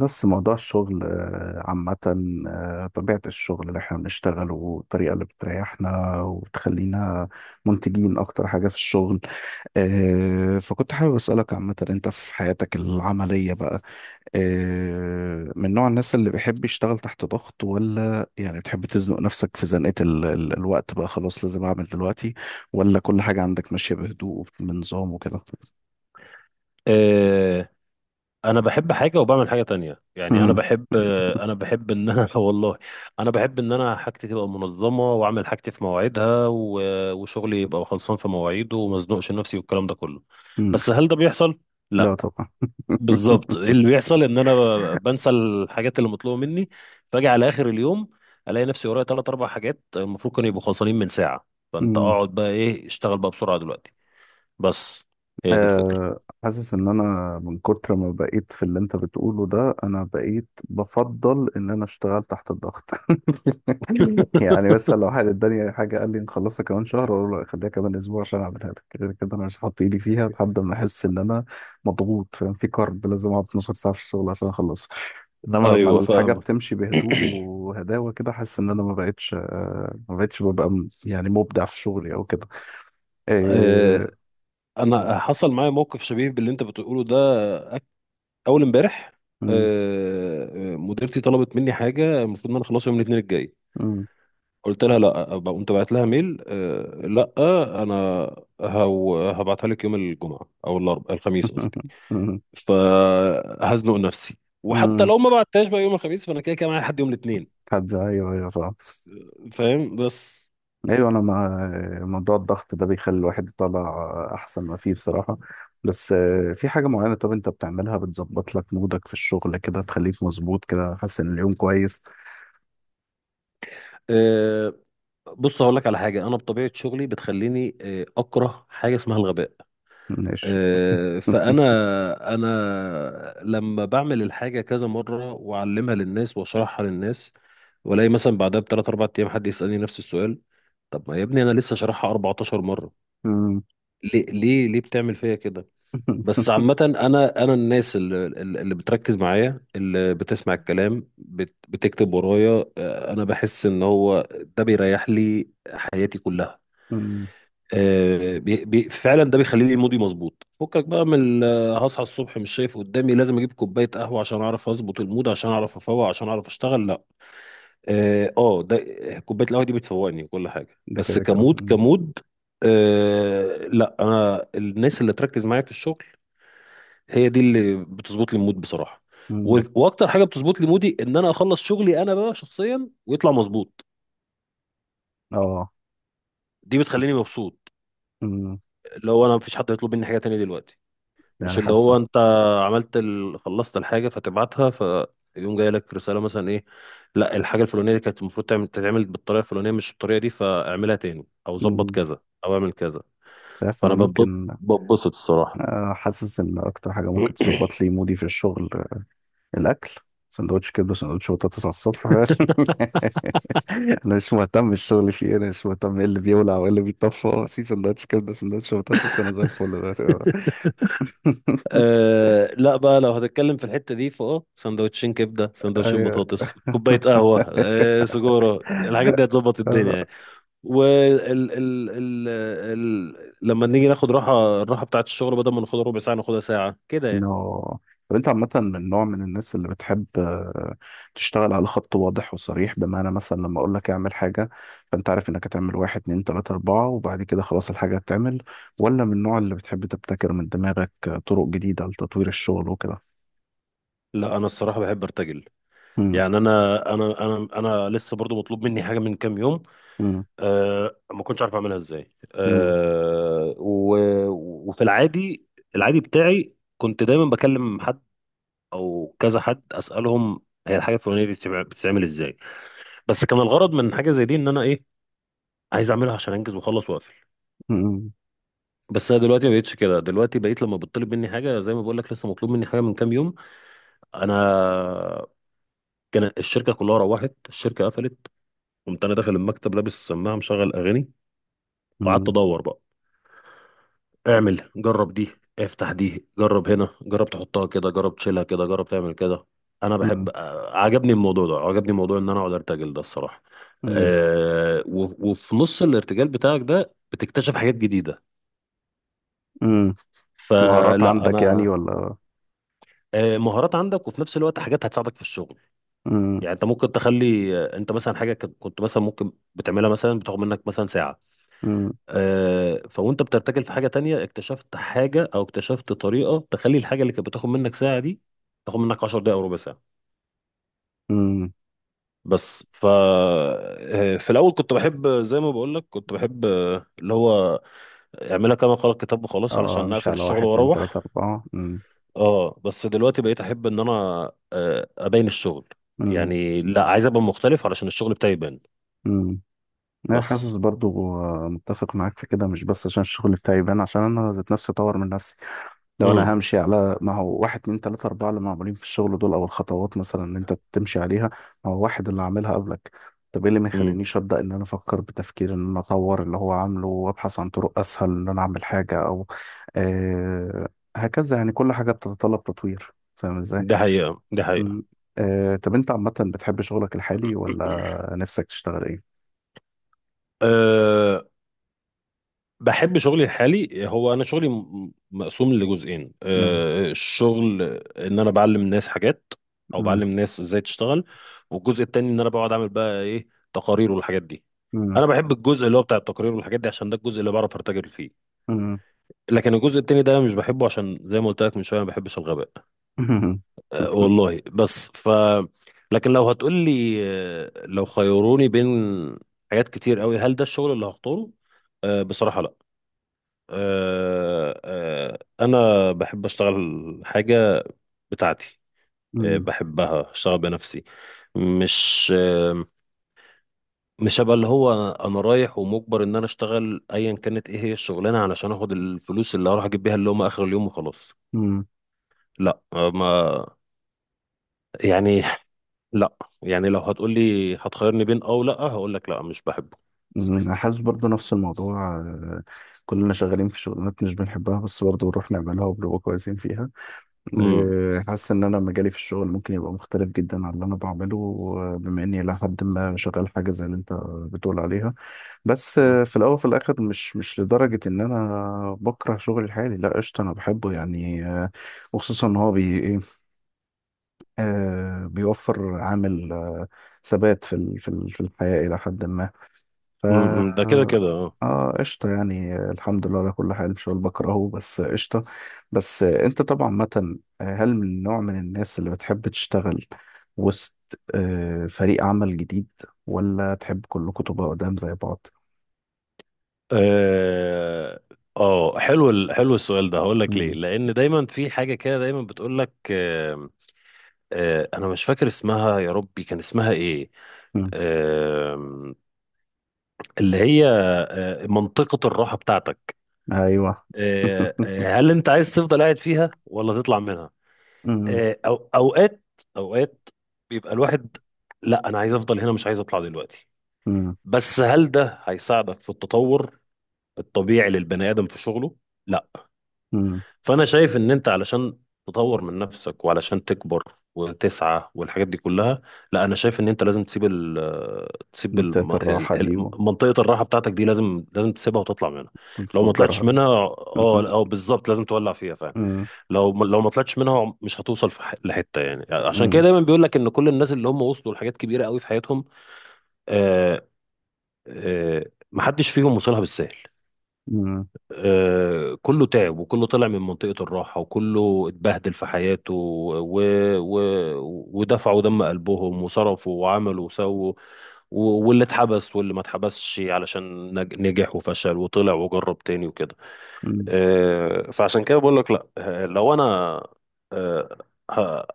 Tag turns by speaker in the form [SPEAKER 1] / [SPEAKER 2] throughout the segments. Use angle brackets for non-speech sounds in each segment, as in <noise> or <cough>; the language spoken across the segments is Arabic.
[SPEAKER 1] بس موضوع الشغل عامة. طبيعة الشغل اللي احنا بنشتغله والطريقة اللي بتريحنا وتخلينا منتجين أكتر حاجة في الشغل. فكنت حابب أسألك عامة، أنت في حياتك العملية بقى من نوع الناس اللي بيحب يشتغل تحت ضغط، ولا يعني بتحب تزنق نفسك في زنقة ال الوقت بقى خلاص لازم أعمل دلوقتي، ولا كل حاجة عندك ماشية بهدوء وبنظام وكده؟
[SPEAKER 2] آه، انا بحب حاجه وبعمل حاجه تانية. يعني انا
[SPEAKER 1] مم.
[SPEAKER 2] بحب، انا بحب ان انا <laughs> والله انا بحب ان انا حاجتي تبقى منظمه واعمل حاجتي في مواعيدها وشغلي يبقى خلصان في مواعيده وما ازنقش نفسي والكلام ده كله.
[SPEAKER 1] مم.
[SPEAKER 2] بس هل ده بيحصل؟
[SPEAKER 1] لا
[SPEAKER 2] لا.
[SPEAKER 1] طبعا.
[SPEAKER 2] بالظبط اللي
[SPEAKER 1] <laughs>
[SPEAKER 2] بيحصل ان انا بنسى الحاجات اللي مطلوبه مني، فاجي على اخر اليوم الاقي نفسي ورايا ثلاث اربع حاجات المفروض كانوا يبقوا خلصانين من ساعه. فانت
[SPEAKER 1] مم.
[SPEAKER 2] اقعد بقى ايه، اشتغل بقى بسرعه دلوقتي. بس هي دي الفكره.
[SPEAKER 1] حاسس ان انا من كتر ما بقيت في اللي انت بتقوله ده انا بقيت بفضل ان انا اشتغل تحت الضغط. <laughs> يعني
[SPEAKER 2] <laughs>
[SPEAKER 1] مثلا لو حد اداني حاجه قال لي نخلصها كمان شهر اقول له لا، خليها كمان اسبوع عشان اعملها لك. غير كده انا مش هحط ايدي فيها لحد ما احس ان انا مضغوط، فاهم؟ في كارب لازم اقعد 12 ساعه في الشغل عشان اخلصها. انما لما
[SPEAKER 2] ايوه
[SPEAKER 1] الحاجه
[SPEAKER 2] فاهمك.
[SPEAKER 1] بتمشي
[SPEAKER 2] <coughs>
[SPEAKER 1] بهدوء وهداوه كده حاسس ان انا ما بقتش ما بقتش ببقى يعني مبدع في شغلي او كده. آه،
[SPEAKER 2] آه، انا حصل معايا موقف شبيه باللي انت بتقوله ده. أك- اول امبارح،
[SPEAKER 1] م-
[SPEAKER 2] مديرتي طلبت مني حاجه المفروض ان انا اخلصها يوم الاثنين الجاي. قلت لها لا قمت بعت لها ميل، لا انا هبعتها لك يوم الجمعه او الاربعاء، الخميس قصدي.
[SPEAKER 1] م- <laughs>
[SPEAKER 2] فهزنق نفسي، وحتى
[SPEAKER 1] امم.
[SPEAKER 2] لو ما بعتهاش بقى يوم الخميس فانا كده كده معايا لحد يوم الاثنين.
[SPEAKER 1] حد ايوه، ايوه، فاهم.
[SPEAKER 2] فاهم؟ بس
[SPEAKER 1] ايوه انا مع موضوع الضغط ده، بيخلي الواحد يطلع احسن ما فيه بصراحه. بس في حاجه معينه، طب انت بتعملها بتظبط لك مودك في الشغل كده، تخليك مظبوط كده حاسس ان اليوم كويس؟
[SPEAKER 2] آه، بص هقول لك على حاجه. انا بطبيعه شغلي بتخليني اكره حاجه اسمها الغباء.
[SPEAKER 1] ماشي.
[SPEAKER 2] فانا انا لما بعمل الحاجه كذا مره واعلمها للناس واشرحها للناس، والاقي مثلا بعدها بثلاث اربع ايام حد يسالني نفس السؤال، طب ما يا ابني انا لسه شارحها 14 مره.
[SPEAKER 1] امم.
[SPEAKER 2] ليه ليه ليه بتعمل فيا كده؟ بس
[SPEAKER 1] <laughs>
[SPEAKER 2] عامه انا الناس اللي، اللي بتركز معايا، اللي بتسمع الكلام بتكتب ورايا، انا بحس ان هو ده بيريح لي حياتي كلها.
[SPEAKER 1] أمم.
[SPEAKER 2] بي فعلا ده بيخلي لي مودي مظبوط. فكك بقى من هصحى الصبح مش شايف قدامي لازم اجيب كوبايه قهوه عشان اعرف اظبط المود عشان اعرف افوق عشان اعرف اشتغل. لا اه، ده كوبايه القهوه دي بتفوقني وكل حاجه
[SPEAKER 1] ده
[SPEAKER 2] بس
[SPEAKER 1] كده كده
[SPEAKER 2] كمود
[SPEAKER 1] أمم.
[SPEAKER 2] كمود. لا انا الناس اللي تركز معايا في الشغل هي دي اللي بتظبط لي المود بصراحه.
[SPEAKER 1] أمم.
[SPEAKER 2] واكتر حاجه بتظبط لي مودي ان انا اخلص شغلي انا بقى شخصيا ويطلع مظبوط.
[SPEAKER 1] اه.
[SPEAKER 2] دي بتخليني مبسوط.
[SPEAKER 1] أمم.
[SPEAKER 2] لو انا مفيش حد يطلب مني حاجه تانية دلوقتي، مش
[SPEAKER 1] يعني
[SPEAKER 2] اللي هو
[SPEAKER 1] حاسه.
[SPEAKER 2] انت عملت خلصت الحاجه فتبعتها فيقوم جاي لك رساله مثلا ايه، لا الحاجه الفلانيه دي كانت المفروض تتعمل بالطريقه الفلانيه مش الطريقه دي، فاعملها تاني او ظبط
[SPEAKER 1] أمم.
[SPEAKER 2] كذا او اعمل كذا.
[SPEAKER 1] مش عارف انا
[SPEAKER 2] فانا ببض-
[SPEAKER 1] ممكن
[SPEAKER 2] ببسط الصراحه.
[SPEAKER 1] حاسس ان اكتر حاجه ممكن تظبط
[SPEAKER 2] <clears throat>
[SPEAKER 1] لي مودي في الشغل الاكل، سندوتش كبده سندوتش بطاطس على الصبح. <laughs> انا مش مهتم بالشغل فيه، انا مش مهتم ايه اللي بيولع وايه اللي بيطفى، هو في سندوتش كبده سندوتش بطاطس انا زي الفل دلوقتي.
[SPEAKER 2] أه لا بقى، لو هتتكلم في الحتة دي فاه، سندوتشين كبدة سندوتشين
[SPEAKER 1] <laughs>
[SPEAKER 2] بطاطس كوباية قهوة أه سجارة، الحاجات دي هتظبط الدنيا
[SPEAKER 1] ايوه. <laughs>
[SPEAKER 2] يعني. وال ال ال ال لما نيجي ناخد راحة، الراحة بتاعت الشغل بدل ما ناخدها ربع ساعة ناخدها ساعة كده
[SPEAKER 1] انه
[SPEAKER 2] يعني.
[SPEAKER 1] طب انت عامة من نوع من الناس اللي بتحب تشتغل على خط واضح وصريح، بمعنى مثلا لما اقول لك اعمل حاجة فانت عارف انك هتعمل واحد اتنين تلاتة اربعة وبعد كده خلاص الحاجة هتتعمل، ولا من النوع اللي بتحب تبتكر من دماغك طرق جديدة لتطوير الشغل وكده؟
[SPEAKER 2] لا انا الصراحه بحب ارتجل.
[SPEAKER 1] مم.
[SPEAKER 2] يعني انا لسه برضو مطلوب مني حاجه من كام يوم،
[SPEAKER 1] مم.
[SPEAKER 2] أه ما كنتش عارف اعملها ازاي.
[SPEAKER 1] مم.
[SPEAKER 2] أه، و وفي العادي، العادي بتاعي كنت دايما بكلم حد او كذا حد اسالهم، هي الحاجه الفلانيه دي بتتعمل ازاي. بس كان الغرض من حاجه زي دي ان انا ايه، عايز اعملها عشان انجز واخلص واقفل.
[SPEAKER 1] مم.
[SPEAKER 2] بس انا دلوقتي ما بقتش كده. دلوقتي بقيت لما بتطلب مني حاجه، زي ما بقول لك لسه مطلوب مني حاجه من كام يوم، انا كان الشركه كلها روحت، الشركه قفلت، قمت انا داخل المكتب لابس السماعه مشغل اغاني، وقعدت
[SPEAKER 1] مم.
[SPEAKER 2] ادور بقى. اعمل جرب دي، افتح دي، جرب هنا، جرب تحطها كده، جرب تشيلها كده، جرب تعمل كده. انا بحب،
[SPEAKER 1] مم.
[SPEAKER 2] عجبني الموضوع ده، عجبني موضوع ان انا اقعد ارتجل ده الصراحه.
[SPEAKER 1] مم.
[SPEAKER 2] أه، وفي نص الارتجال بتاعك ده بتكتشف حاجات جديده.
[SPEAKER 1] مم. مهارات
[SPEAKER 2] فلا
[SPEAKER 1] عندك يعني
[SPEAKER 2] انا
[SPEAKER 1] ولا؟
[SPEAKER 2] مهارات عندك وفي نفس الوقت حاجات هتساعدك في الشغل.
[SPEAKER 1] مم.
[SPEAKER 2] يعني انت ممكن تخلي انت مثلا حاجه كنت مثلا ممكن بتعملها مثلا بتاخد منك مثلا ساعه،
[SPEAKER 1] مم.
[SPEAKER 2] فوانت بترتجل في حاجه تانية، اكتشفت حاجه او اكتشفت طريقه تخلي الحاجه اللي كانت بتاخد منك ساعه دي تاخد منك 10 دقائق او ربع ساعه.
[SPEAKER 1] مم.
[SPEAKER 2] بس ف آه، في الاول كنت بحب زي ما بقول لك، كنت بحب اللي هو اعملها كما قال الكتاب وخلاص
[SPEAKER 1] اه،
[SPEAKER 2] علشان
[SPEAKER 1] امشي
[SPEAKER 2] اقفل
[SPEAKER 1] على واحد
[SPEAKER 2] الشغل
[SPEAKER 1] اتنين تلاتة
[SPEAKER 2] واروح.
[SPEAKER 1] اربعة. مم.
[SPEAKER 2] اه بس دلوقتي بقيت احب ان انا ابين الشغل.
[SPEAKER 1] مم.
[SPEAKER 2] يعني لا، عايز ابقى مختلف علشان الشغل بتاعي يبان.
[SPEAKER 1] مم. انا
[SPEAKER 2] بس
[SPEAKER 1] حاسس برضو متفق معاك في كده، مش بس عشان الشغل بتاعي يبان، عشان انا ذات نفسي اطور من نفسي. لو
[SPEAKER 2] امم
[SPEAKER 1] انا همشي على ما هو واحد اتنين تلاته اربعه اللي معمولين في الشغل دول، او الخطوات مثلا اللي انت تمشي عليها، ما هو واحد اللي عاملها قبلك. طب ايه اللي ما
[SPEAKER 2] امم،
[SPEAKER 1] يخلينيش ابدا ان انا افكر بتفكير ان انا اطور اللي هو عامله وابحث عن طرق اسهل ان انا اعمل حاجه او آه هكذا، يعني كل حاجه بتتطلب تطوير، فاهم ازاي؟
[SPEAKER 2] ده حقيقه ده
[SPEAKER 1] م.
[SPEAKER 2] حقيقه.
[SPEAKER 1] طب انت عامه بتحب شغلك الحالي ولا نفسك تشتغل ايه؟
[SPEAKER 2] <clears throat> بحب شغلي الحالي. هو انا شغلي مقسوم لجزئين،
[SPEAKER 1] مم.
[SPEAKER 2] الشغل ان انا بعلم الناس حاجات او بعلم
[SPEAKER 1] مم.
[SPEAKER 2] الناس ازاي تشتغل، والجزء التاني ان انا بقعد اعمل بقى ايه تقارير والحاجات دي.
[SPEAKER 1] مم.
[SPEAKER 2] انا بحب الجزء اللي هو بتاع التقارير والحاجات دي عشان ده الجزء اللي بعرف ارتجل فيه.
[SPEAKER 1] مم.
[SPEAKER 2] لكن الجزء التاني ده مش بحبه عشان زي ما قلت لك من شويه ما بحبش الغباء.
[SPEAKER 1] <laughs>
[SPEAKER 2] أه والله. بس ف لكن لو هتقول لي لو خيروني بين حاجات كتير قوي، هل ده الشغل اللي هختاره؟ أه بصراحه لا. انا بحب اشتغل حاجه بتاعتي،
[SPEAKER 1] مم.
[SPEAKER 2] بحبها اشتغل بنفسي. مش مش هبقى اللي هو انا رايح ومجبر ان انا اشتغل ايا كانت ايه هي الشغلانه علشان اخد الفلوس اللي هروح اجيب بيها اللقمه اخر اليوم وخلاص.
[SPEAKER 1] مم.
[SPEAKER 2] لا ما يعني <laughs> لا. يعني لو هتقولي هتخيرني بين اه، ولا، هقول لك لا مش بحبه.
[SPEAKER 1] أنا حاسس برضه نفس الموضوع. كلنا شغالين في شغلانات مش بنحبها بس برضه بنروح نعملها وبنبقى كويسين فيها.
[SPEAKER 2] امم
[SPEAKER 1] حاسس إن أنا مجالي في الشغل ممكن يبقى مختلف جدا عن اللي أنا بعمله. بما إني إلى حد ما شغال حاجة زي اللي أنت بتقول عليها، بس
[SPEAKER 2] أمم،
[SPEAKER 1] في الأول وفي الآخر مش لدرجة إن أنا بكره شغلي الحالي، لا قشطة أنا بحبه يعني. وخصوصا إن هو بي إيه، بيوفر عامل ثبات في الحياة إلى حد ما. ف
[SPEAKER 2] أمم، ده كده كده آه.
[SPEAKER 1] اه قشطة يعني. الحمد لله على كل حال، مش هقول بكرهه بس قشطة. بس انت طبعا مثلا هل من نوع من الناس اللي بتحب تشتغل وسط فريق عمل جديد، ولا تحب كلكم تبقوا قدام زي بعض؟
[SPEAKER 2] اه حلو حلو السؤال ده. هقول لك ليه،
[SPEAKER 1] مم.
[SPEAKER 2] لان دايما في حاجه كده دايما بتقول لك آه، آه انا مش فاكر اسمها، يا ربي كان اسمها ايه،
[SPEAKER 1] مم.
[SPEAKER 2] آه اللي هي، آه منطقه الراحه بتاعتك.
[SPEAKER 1] ايوه. <laughs>
[SPEAKER 2] هل انت عايز تفضل قاعد فيها ولا تطلع منها؟
[SPEAKER 1] مم.
[SPEAKER 2] آه أو اوقات بيبقى الواحد، لا انا عايز افضل هنا مش عايز اطلع دلوقتي.
[SPEAKER 1] مم.
[SPEAKER 2] بس هل ده هيساعدك في التطور الطبيعي للبني ادم في شغله؟ لا.
[SPEAKER 1] مم.
[SPEAKER 2] فانا شايف ان انت علشان تطور من نفسك وعلشان تكبر وتسعى والحاجات دي كلها، لا انا شايف ان انت لازم تسيب تسيب
[SPEAKER 1] منطقة الراحة دي
[SPEAKER 2] منطقة الراحة بتاعتك دي، لازم لازم تسيبها وتطلع منها. لو ما
[SPEAKER 1] وتفجرها.
[SPEAKER 2] طلعتش منها، اه
[SPEAKER 1] <laughs>
[SPEAKER 2] اه بالظبط لازم تولع فيها فعلا.
[SPEAKER 1] مم.
[SPEAKER 2] لو ما طلعتش منها مش هتوصل لحتة يعني. عشان كده
[SPEAKER 1] مم.
[SPEAKER 2] دايما بيقول لك ان كل الناس اللي هم وصلوا لحاجات كبيرة قوي في حياتهم، آه آه محدش فيهم وصلها بالسهل.
[SPEAKER 1] مم.
[SPEAKER 2] كله تعب وكله طلع من منطقة الراحة وكله اتبهدل في حياته، و... و... ودفعوا دم قلبهم وصرفوا وعملوا وسووا، واللي اتحبس واللي ما اتحبسش، علشان نجح وفشل وطلع وجرب تاني وكده.
[SPEAKER 1] مم.
[SPEAKER 2] فعشان كده بقول لك لا. لو انا آه، ه-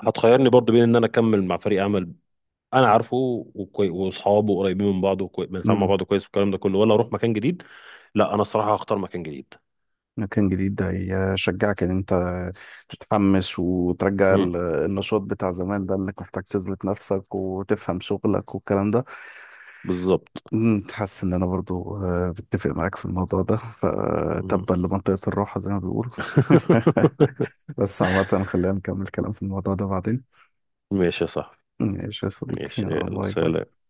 [SPEAKER 2] هتخيرني برضو بين ان انا اكمل مع فريق عمل انا عارفه واصحابه قريبين من بعض بنسمع مع
[SPEAKER 1] مم.
[SPEAKER 2] بعض كويس والكلام ده كله، ولا اروح مكان جديد، لا انا الصراحه هختار مكان جديد.
[SPEAKER 1] مكان جديد ده يشجعك ان انت تتحمس وترجع
[SPEAKER 2] مم.
[SPEAKER 1] النشاط بتاع زمان، ده انك محتاج تثبت نفسك وتفهم شغلك والكلام ده.
[SPEAKER 2] بالظبط.
[SPEAKER 1] مم. حاسس ان انا برضو بتفق معاك في الموضوع ده،
[SPEAKER 2] مم.
[SPEAKER 1] فتبا لمنطقة الراحة زي ما بيقولوا.
[SPEAKER 2] <laughs>
[SPEAKER 1] <laughs> بس عامة خلينا نكمل كلام في الموضوع ده بعدين.
[SPEAKER 2] ماشي يا صاحبي.
[SPEAKER 1] ماشي يا صديقي،
[SPEAKER 2] ماشي
[SPEAKER 1] يلا،
[SPEAKER 2] يلا
[SPEAKER 1] باي باي.
[SPEAKER 2] سلام.